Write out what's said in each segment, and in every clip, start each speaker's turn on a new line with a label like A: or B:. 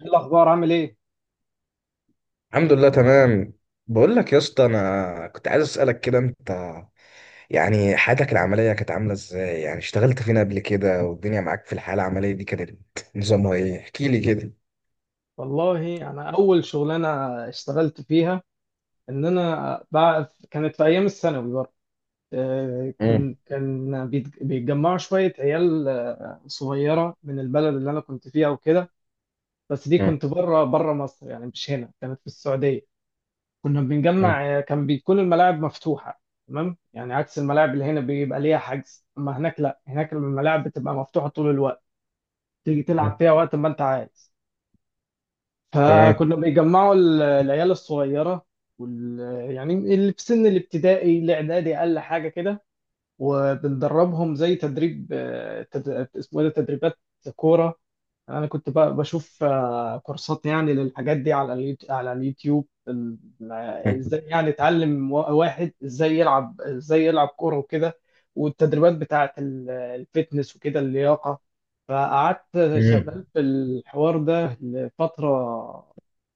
A: ايه الاخبار عامل ايه؟
B: الحمد لله تمام. بقول لك يا اسطى، انا كنت عايز اسالك كده. انت يعني حياتك العمليه كانت عامله ازاي؟ يعني اشتغلت فين قبل كده، والدنيا معاك في الحياه العمليه دي كانت نظامها ايه؟ احكي لي كده.
A: والله انا اول شغلانه اشتغلت فيها ان انا بقى كانت في ايام الثانوي برضه.
B: امم.
A: بيتجمعوا شويه عيال صغيره من البلد اللي انا كنت فيها وكده. بس دي
B: امم.
A: كنت بره مصر، يعني مش هنا، كانت في السعوديه. كنا بنجمع، كان بتكون الملاعب مفتوحه، تمام، يعني عكس الملاعب اللي هنا بيبقى ليها حجز، اما هناك لا، هناك الملاعب بتبقى مفتوحه طول الوقت، تيجي تلعب
B: امم.
A: فيها وقت ما انت عايز.
B: تمام.
A: فكنا بيجمعوا العيال الصغيرة وال... يعني اللي في سن الابتدائي الإعدادي أقل حاجة كده، وبندربهم زي تدريب، اسمه إيه ده، تدريبات كورة. انا كنت بشوف كورسات يعني للحاجات دي على على اليوتيوب ازاي
B: مم.
A: يعني اتعلم واحد ازاي يلعب، ازاي يلعب كوره وكده، والتدريبات بتاعه الفتنس وكده، اللياقه. فقعدت
B: مم.
A: شغال في الحوار ده لفتره،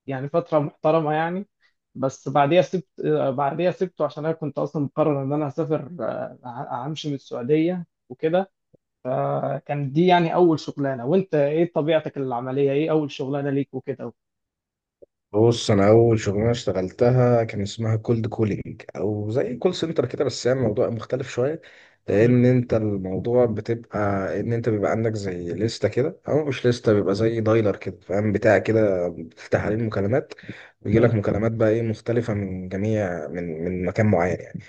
A: يعني فتره محترمه يعني. بس بعديها سبت، بعديها سبته عشان انا كنت اصلا مقرر ان انا هسافر، همشي من السعوديه وكده. كان دي يعني اول شغلانه، وانت ايه طبيعتك العمليه؟ ايه اول شغلانه ليك وكده؟
B: بص، انا اول شغلانه اشتغلتها كان اسمها كولد كولينج، او زي كول سنتر كده، بس يعني الموضوع مختلف شويه.
A: امم.
B: لان انت الموضوع بتبقى، ان انت بيبقى عندك زي لسته كده، او مش لسته، بيبقى زي دايلر كده، فاهم، بتاع كده بتفتح عليه المكالمات. ويجي
A: حلو.
B: لك مكالمات بقى ايه مختلفه، من جميع، من مكان معين يعني.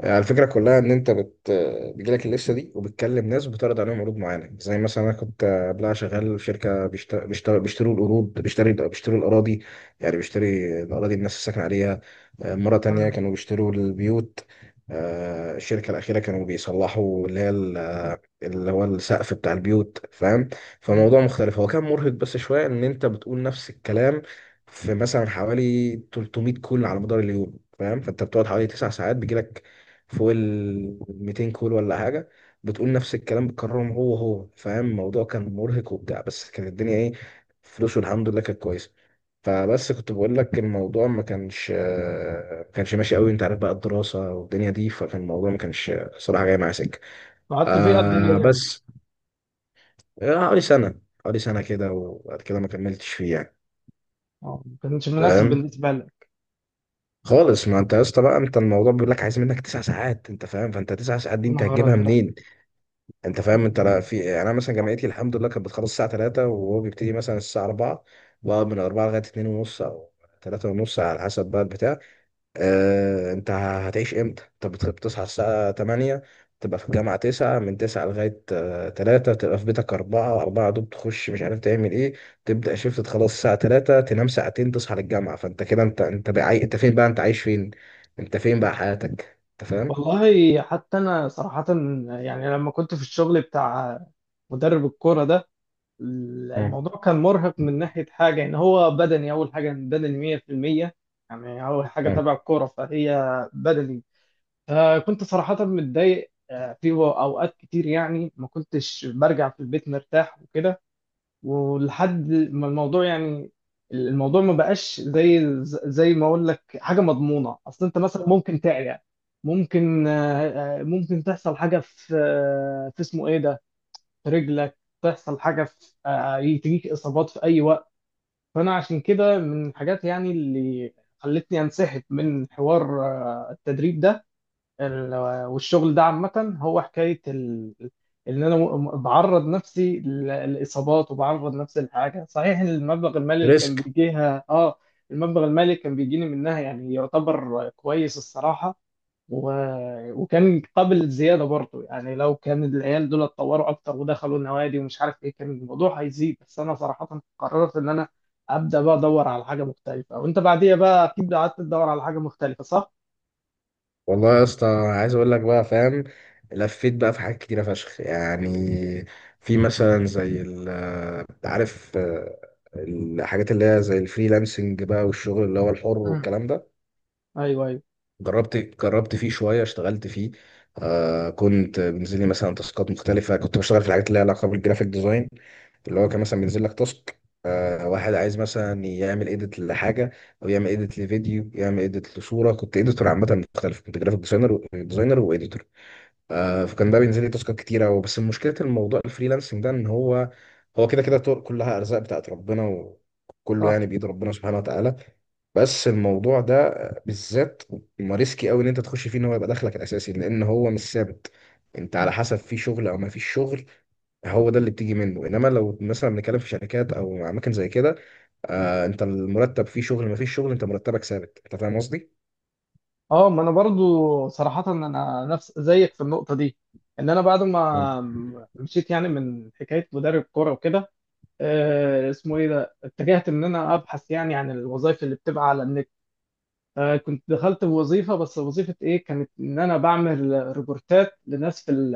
B: الفكرة كلها إن أنت بت... آه، بيجيلك اللستة دي، وبتكلم ناس وبتعرض عليهم عروض معينة. زي مثلا أنا كنت قبلها شغال في شركة بيشتروا القروض، بيشتروا الأراضي. يعني بيشتري الأراضي الناس الساكنة عليها. مرة تانية
A: تمام.
B: كانوا بيشتروا البيوت. الشركة الأخيرة كانوا بيصلحوا اللي هي اللي هو السقف بتاع البيوت، فاهم.
A: مم.
B: فالموضوع مختلف. هو كان مرهق بس شوية، إن أنت بتقول نفس الكلام في مثلا حوالي 300 كل على مدار اليوم، فاهم. فانت بتقعد حوالي تسع ساعات بيجيلك فوق ال 200 كول ولا حاجه. بتقول نفس الكلام، بتكررهم هو هو، فاهم. الموضوع كان مرهق وبتاع، بس كانت الدنيا ايه؟ فلوس، والحمد لله كانت كويسه. فبس كنت بقول لك، الموضوع ما كانش ماشي قوي. انت عارف بقى، الدراسه والدنيا دي، فكان الموضوع ما كانش صراحه جاي معايا سكه.
A: قعدت فيه قد
B: آه،
A: ايه يعني؟
B: بس. آه، حوالي سنه، حوالي سنه كده، وبعد كده ما كملتش فيه يعني.
A: اه ما كانش مناسب
B: فاهم.
A: بالنسبه لك.
B: خالص، ما انت يا اسطى بقى، انت الموضوع بيقول لك عايز منك تسع ساعات، انت فاهم. فانت تسع ساعات
A: يا
B: دي انت
A: نهار
B: هتجيبها
A: ازرق.
B: منين؟ انت فاهم، انت لا
A: مم.
B: في، يعني انا مثلا
A: صح.
B: جامعتي الحمد لله كانت بتخلص الساعه 3، وهو بيبتدي مثلا الساعه 4. بقى من 4 لغايه 2 ونص، او 3 ونص على حسب بقى البتاع. اه، انت هتعيش امتى؟ انت بتصحى الساعه 8، تبقى في الجامعه 9، من 9 لغايه 3، تبقى في بيتك 4. 4 دوب تخش مش عارف تعمل ايه. تبدا شيفت، تخلص الساعه 3، تنام ساعتين، تصحى للجامعه. فانت كده، انت بقى انت فين بقى؟ انت عايش فين؟ انت فين بقى
A: صح.
B: حياتك؟ انت فاهم.
A: والله حتى انا صراحه، يعني لما كنت في الشغل بتاع مدرب الكوره ده،
B: مم.
A: الموضوع كان مرهق من ناحيه حاجه، ان هو بدني، اول حاجه بدني 100%. يعني اول حاجه
B: مم.
A: تبع الكوره، فهي بدني. آه، كنت صراحة متضايق أوقات كتير، يعني ما كنتش برجع في البيت مرتاح وكده. ولحد ما الموضوع يعني الموضوع ما بقاش زي، زي ما أقول لك، حاجة مضمونة، أصل أنت مثلا ممكن تعيا، ممكن، ممكن تحصل حاجة في، آه، في اسمه إيه ده، في رجلك، تحصل حاجة في، آه، تجيك إصابات في أي وقت. فأنا عشان كده من الحاجات يعني اللي خلتني أنسحب من حوار التدريب ده، ال- والشغل ده عامة. هو حكاية إن أنا بعرض نفسي لإصابات، وبعرض نفسي لحاجة، صحيح إن المبلغ المالي اللي
B: رزق.
A: كان بيجيها آه، المبلغ المالي كان بيجيني منها يعني يعتبر كويس الصراحة. و... وكان قابل زيادة برضه، يعني لو كان العيال دول اتطوروا أكتر ودخلوا النوادي ومش عارف إيه كان الموضوع هيزيد. بس أنا صراحة قررت إن أنا أبدأ بقى أدور على حاجة مختلفة. وأنت بعديها بقى أكيد قعدت تدور على حاجة مختلفة، صح؟
B: والله يا اسطى، عايز اقول لك بقى، فاهم. لفيت بقى في حاجات كتيره فشخ يعني. في مثلا زي عارف، الحاجات اللي هي زي الفريلانسنج بقى، والشغل اللي هو الحر
A: مم.
B: والكلام ده.
A: أيوه، أيوه.
B: جربت فيه شويه، اشتغلت فيه. كنت بينزل لي مثلا تاسكات مختلفه. كنت بشتغل في الحاجات اللي لها علاقه بالجرافيك ديزاين. اللي هو كان مثلا بينزل لك تاسك، واحد عايز مثلا يعمل ايديت لحاجه، او يعمل ايديت لفيديو، يعمل ايديت لصوره. كنت ايديتور عامه مختلف، كنت جرافيك ديزاينر وايديتور. فكان ده بينزل لي تاسكات كتيرة. وبس، مشكلة الموضوع الفريلانسنج ده، ان هو كده كده طرق، كلها ارزاق بتاعت ربنا، وكله
A: صح.
B: يعني بايد ربنا سبحانه وتعالى. بس الموضوع ده بالذات ما ريسكي قوي ان انت تخش فيه، ان هو يبقى دخلك الاساسي، لان هو مش ثابت. انت على حسب، في شغل او ما فيش شغل، هو ده اللي بتيجي منه. انما لو مثلا بنتكلم في شركات او اماكن زي كده، انت المرتب، فيه شغل ما فيش شغل، انت مرتبك ثابت. انت فاهم قصدي؟
A: اه، ما انا برضو صراحة انا نفس زيك في النقطة دي، ان انا بعد
B: مم.
A: ما مشيت يعني من حكاية مدرب كورة وكده، اسمه ايه ده، اتجهت ان انا ابحث يعني عن الوظائف اللي بتبقى على النت. آه، كنت دخلت بوظيفة، بس وظيفة ايه كانت؟ ان انا بعمل ريبورتات لناس في ال-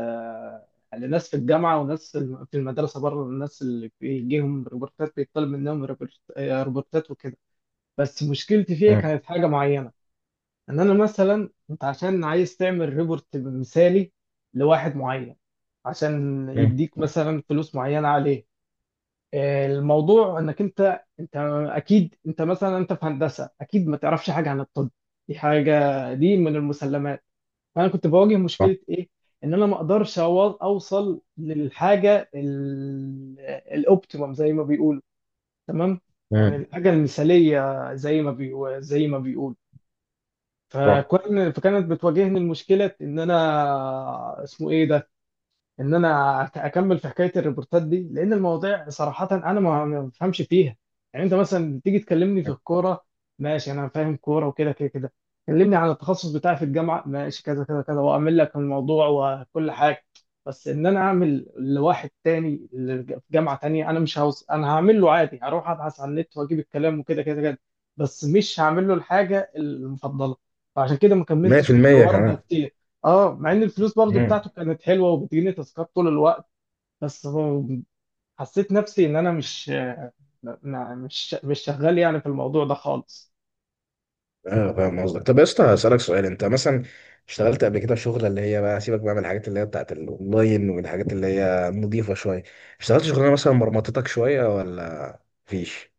A: آه، لناس في الجامعة وناس في في المدرسة بره، الناس اللي بيجيهم ريبورتات، بيطلب منهم ريبورتات وكده. بس مشكلتي فيها
B: مم.
A: كانت حاجة معينة، ان انا مثلا، انت عشان عايز تعمل ريبورت مثالي لواحد معين، عشان
B: مم.
A: يديك مثلا فلوس معينه عليه، آه، الموضوع انك انت اكيد انت مثلا انت في هندسه، اكيد ما تعرفش حاجه عن الطب، دي حاجه، دي من المسلمات. فانا كنت بواجه
B: صح.
A: مشكله ايه؟ ان انا ما اقدرش اوصل للحاجه الاوبتيمم زي ما بيقولوا، تمام، يعني
B: مم.
A: الحاجه المثاليه زي ما بيقولوا، زي ما بيقولوا.
B: صح.
A: فكان، فكانت بتواجهني المشكله، ان انا اسمه ايه ده، ان انا اكمل في حكايه الريبورتات دي، لان المواضيع صراحه انا ما بفهمش فيها. يعني انت مثلا تيجي تكلمني في الكوره، ماشي، انا فاهم كوره وكده كده كده. كلمني عن التخصص بتاعي في الجامعه، ماشي، كذا كذا كذا، واعمل لك الموضوع وكل حاجه. بس ان انا اعمل لواحد تاني في جامعه تانيه، انا مش هوص... انا هعمل له عادي، هروح ابحث على النت واجيب الكلام وكده كده كده، بس مش هعمل له الحاجه المفضله. فعشان كده ما كملتش في
B: 100%
A: الحوار ده
B: كمان.
A: كتير. اه، مع ان الفلوس برضو
B: امم.
A: بتاعته كانت حلوه وبتجيني تاسكات طول الوقت، بس حسيت نفسي ان انا مش، مش شغال يعني في الموضوع ده خالص.
B: ايوه، فاهم قصدك. طب يا اسطى، هسألك سؤال. انت مثلا اشتغلت قبل كده في شغله اللي هي بقى، سيبك بقى من الحاجات اللي هي بتاعت الاونلاين والحاجات اللي هي نظيفه شويه، اشتغلت شغلانه مثلا مرمطتك شويه ولا مفيش؟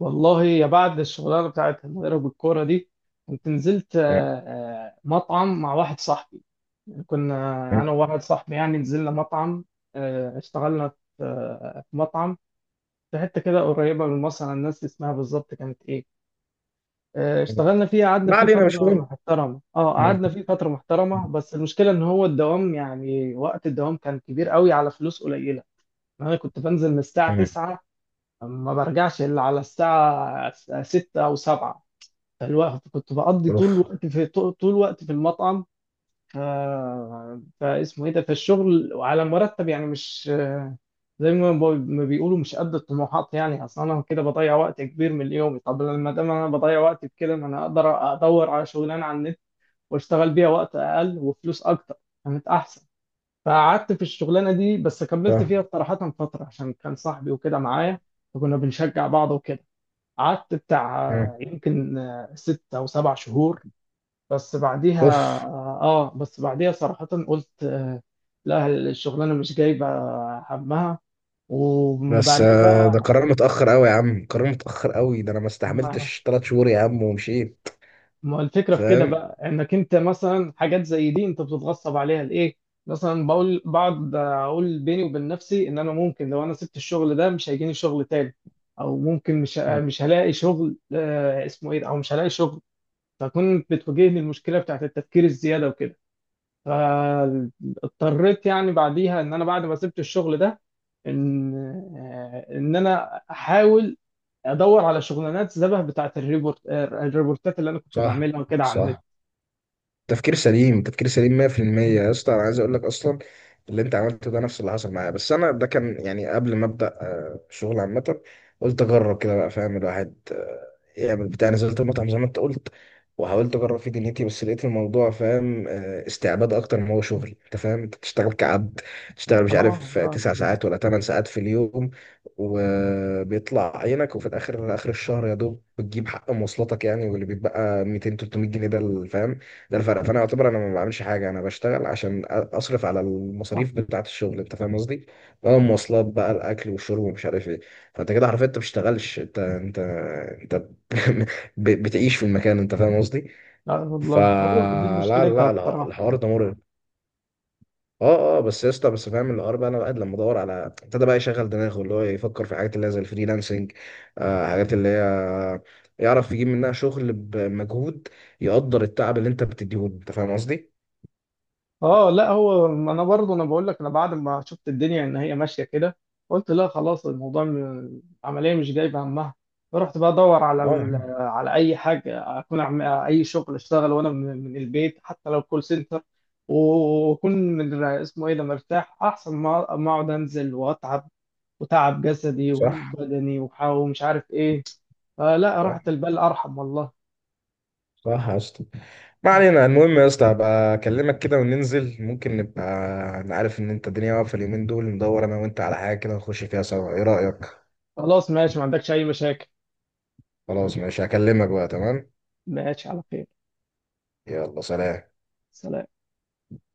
A: والله يا، بعد الشغلانه بتاعت المدرب بالكوره دي كنت نزلت،
B: مم.
A: مطعم مع واحد صاحبي، يعني كنا،
B: مم.
A: انا وواحد صاحبي يعني نزلنا مطعم، اشتغلنا في، في مطعم في حته كده قريبه من مصر، انا الناس اسمها بالظبط كانت ايه، اشتغلنا فيه، قعدنا
B: ما
A: فيه
B: علينا مش
A: فترة
B: مهم.
A: محترمة. اه،
B: مم.
A: قعدنا فيه فترة محترمة، بس المشكلة ان هو الدوام، يعني وقت الدوام كان كبير قوي على فلوس قليلة. انا كنت بنزل من الساعة
B: مم.
A: 9، ما برجعش الا على الساعة 6 او 7، فالوقت كنت بقضي طول
B: اوف.
A: الوقت في، طول الوقت في المطعم. آه، فاسمه ايه ده، في الشغل وعلى مرتب يعني مش، آه، زي ما بيقولوا، مش قد الطموحات يعني، اصل انا كده بضيع وقت كبير من يومي، طب لما دام انا بضيع وقت بكده، ما انا اقدر ادور على شغلانه على النت واشتغل بيها وقت اقل وفلوس اكتر، كانت احسن. فقعدت في الشغلانه دي، بس كملت
B: آه.
A: فيها صراحه فتره عشان كان صاحبي وكده معايا، فكنا بنشجع بعض وكده. قعدت بتاع،
B: مم.
A: يمكن، ست او سبع شهور. بس بعديها،
B: اوف.
A: اه بس بعديها صراحة قلت، آه، لا الشغلانة مش جايبة همها،
B: بس
A: وبعدين
B: ده
A: بقى،
B: قرار متأخر قوي يا عم، قرار متأخر قوي. ده انا ما
A: ما,
B: استحملتش ثلاث شهور يا عم ومشيت.
A: ما الفكرة في كده
B: فاهم.
A: بقى، انك انت مثلا حاجات زي دي انت بتتغصب عليها لإيه؟ مثلا بقول، بقعد اقول بيني وبين نفسي ان انا ممكن لو انا سبت الشغل ده مش هيجيني شغل تاني، او ممكن مش
B: مم.
A: مش هلاقي شغل، آه، اسمه ايه ده، او مش هلاقي شغل. فكنت بتواجهني المشكلة بتاعت التفكير الزيادة وكده. فاضطريت يعني بعديها ان انا بعد ما سبت الشغل ده، ان، آه، ان انا احاول ادور على شغلانات شبه بتاعت الريبورت، الريبورتات اللي انا كنت
B: صح.
A: بعملها وكده على النت.
B: صح. تفكير سليم، تفكير سليم 100% يا اسطى. انا عايز اقول لك اصلا، اللي انت عملته ده نفس اللي حصل معايا. بس انا ده كان يعني قبل ما ابدا شغل عامه. قلت اجرب كده بقى، فاهم. الواحد يعمل بتاع، نزلت المطعم زي ما انت قلت، وحاولت اجرب فيه دنيتي. بس لقيت الموضوع، فاهم، استعباد اكتر ما هو شغل. انت فاهم، انت بتشتغل كعبد. تشتغل مش
A: اه.
B: عارف
A: لا.
B: تسع ساعات ولا ثمان ساعات في اليوم، وبيطلع عينك. وفي الاخر اخر الشهر يا دوب بتجيب حق مواصلاتك يعني، واللي بيتبقى 200، 300 جنيه ده، فاهم. ده الفرق. فانا اعتبر انا ما بعملش حاجه. انا بشتغل عشان اصرف على
A: لا.
B: المصاريف بتاعه الشغل. انت فاهم قصدي؟ بقى المواصلات، بقى الاكل والشرب ومش عارف ايه. فانت كده حرفيا انت بتشتغلش. انت بتعيش في المكان. انت فاهم قصدي؟
A: لا والله، هو دي
B: فلا لا
A: مشكلتها
B: لا لا،
A: بصراحه.
B: الحوار ده مرعب. اه، اه بس يا اسطى، بس فاهم الحوار بقى. انا بقى، لما ادور على، ابتدى بقى يشغل دماغه، اللي هو يفكر في حاجات اللي هي زي الفريلانسنج، حاجات اللي هي يعرف يجيب منها شغل بمجهود، يقدر التعب اللي انت بتديهوله. انت فاهم قصدي؟
A: اه لا، هو انا برضه انا بقول لك، انا بعد ما شفت الدنيا ان هي ماشيه كده، قلت لا خلاص، الموضوع العمليه مش جايبه همها. فرحت بقى ادور على
B: اه.
A: على اي حاجه، اكون أعمل اي شغل، اشتغل وانا من، من البيت، حتى لو كول سنتر، واكون من اسمه ايه ده مرتاح، احسن ما اقعد انزل واتعب، وتعب جسدي
B: صح.
A: وبدني ومش عارف ايه، فلا
B: صح.
A: راحة البال ارحم والله.
B: صح يا اسطى. ما علينا، المهم يا اسطى هبقى اكلمك كده وننزل، ممكن نبقى. انا عارف ان انت الدنيا واقفه اليومين دول. ندور انا وانت على حاجه كده نخش فيها سوا، ايه رايك؟
A: خلاص ماشي، ما عندكش اي مشاكل.
B: خلاص ماشي، هكلمك بقى، تمام.
A: ماشي، على خير.
B: يلا سلام.
A: سلام.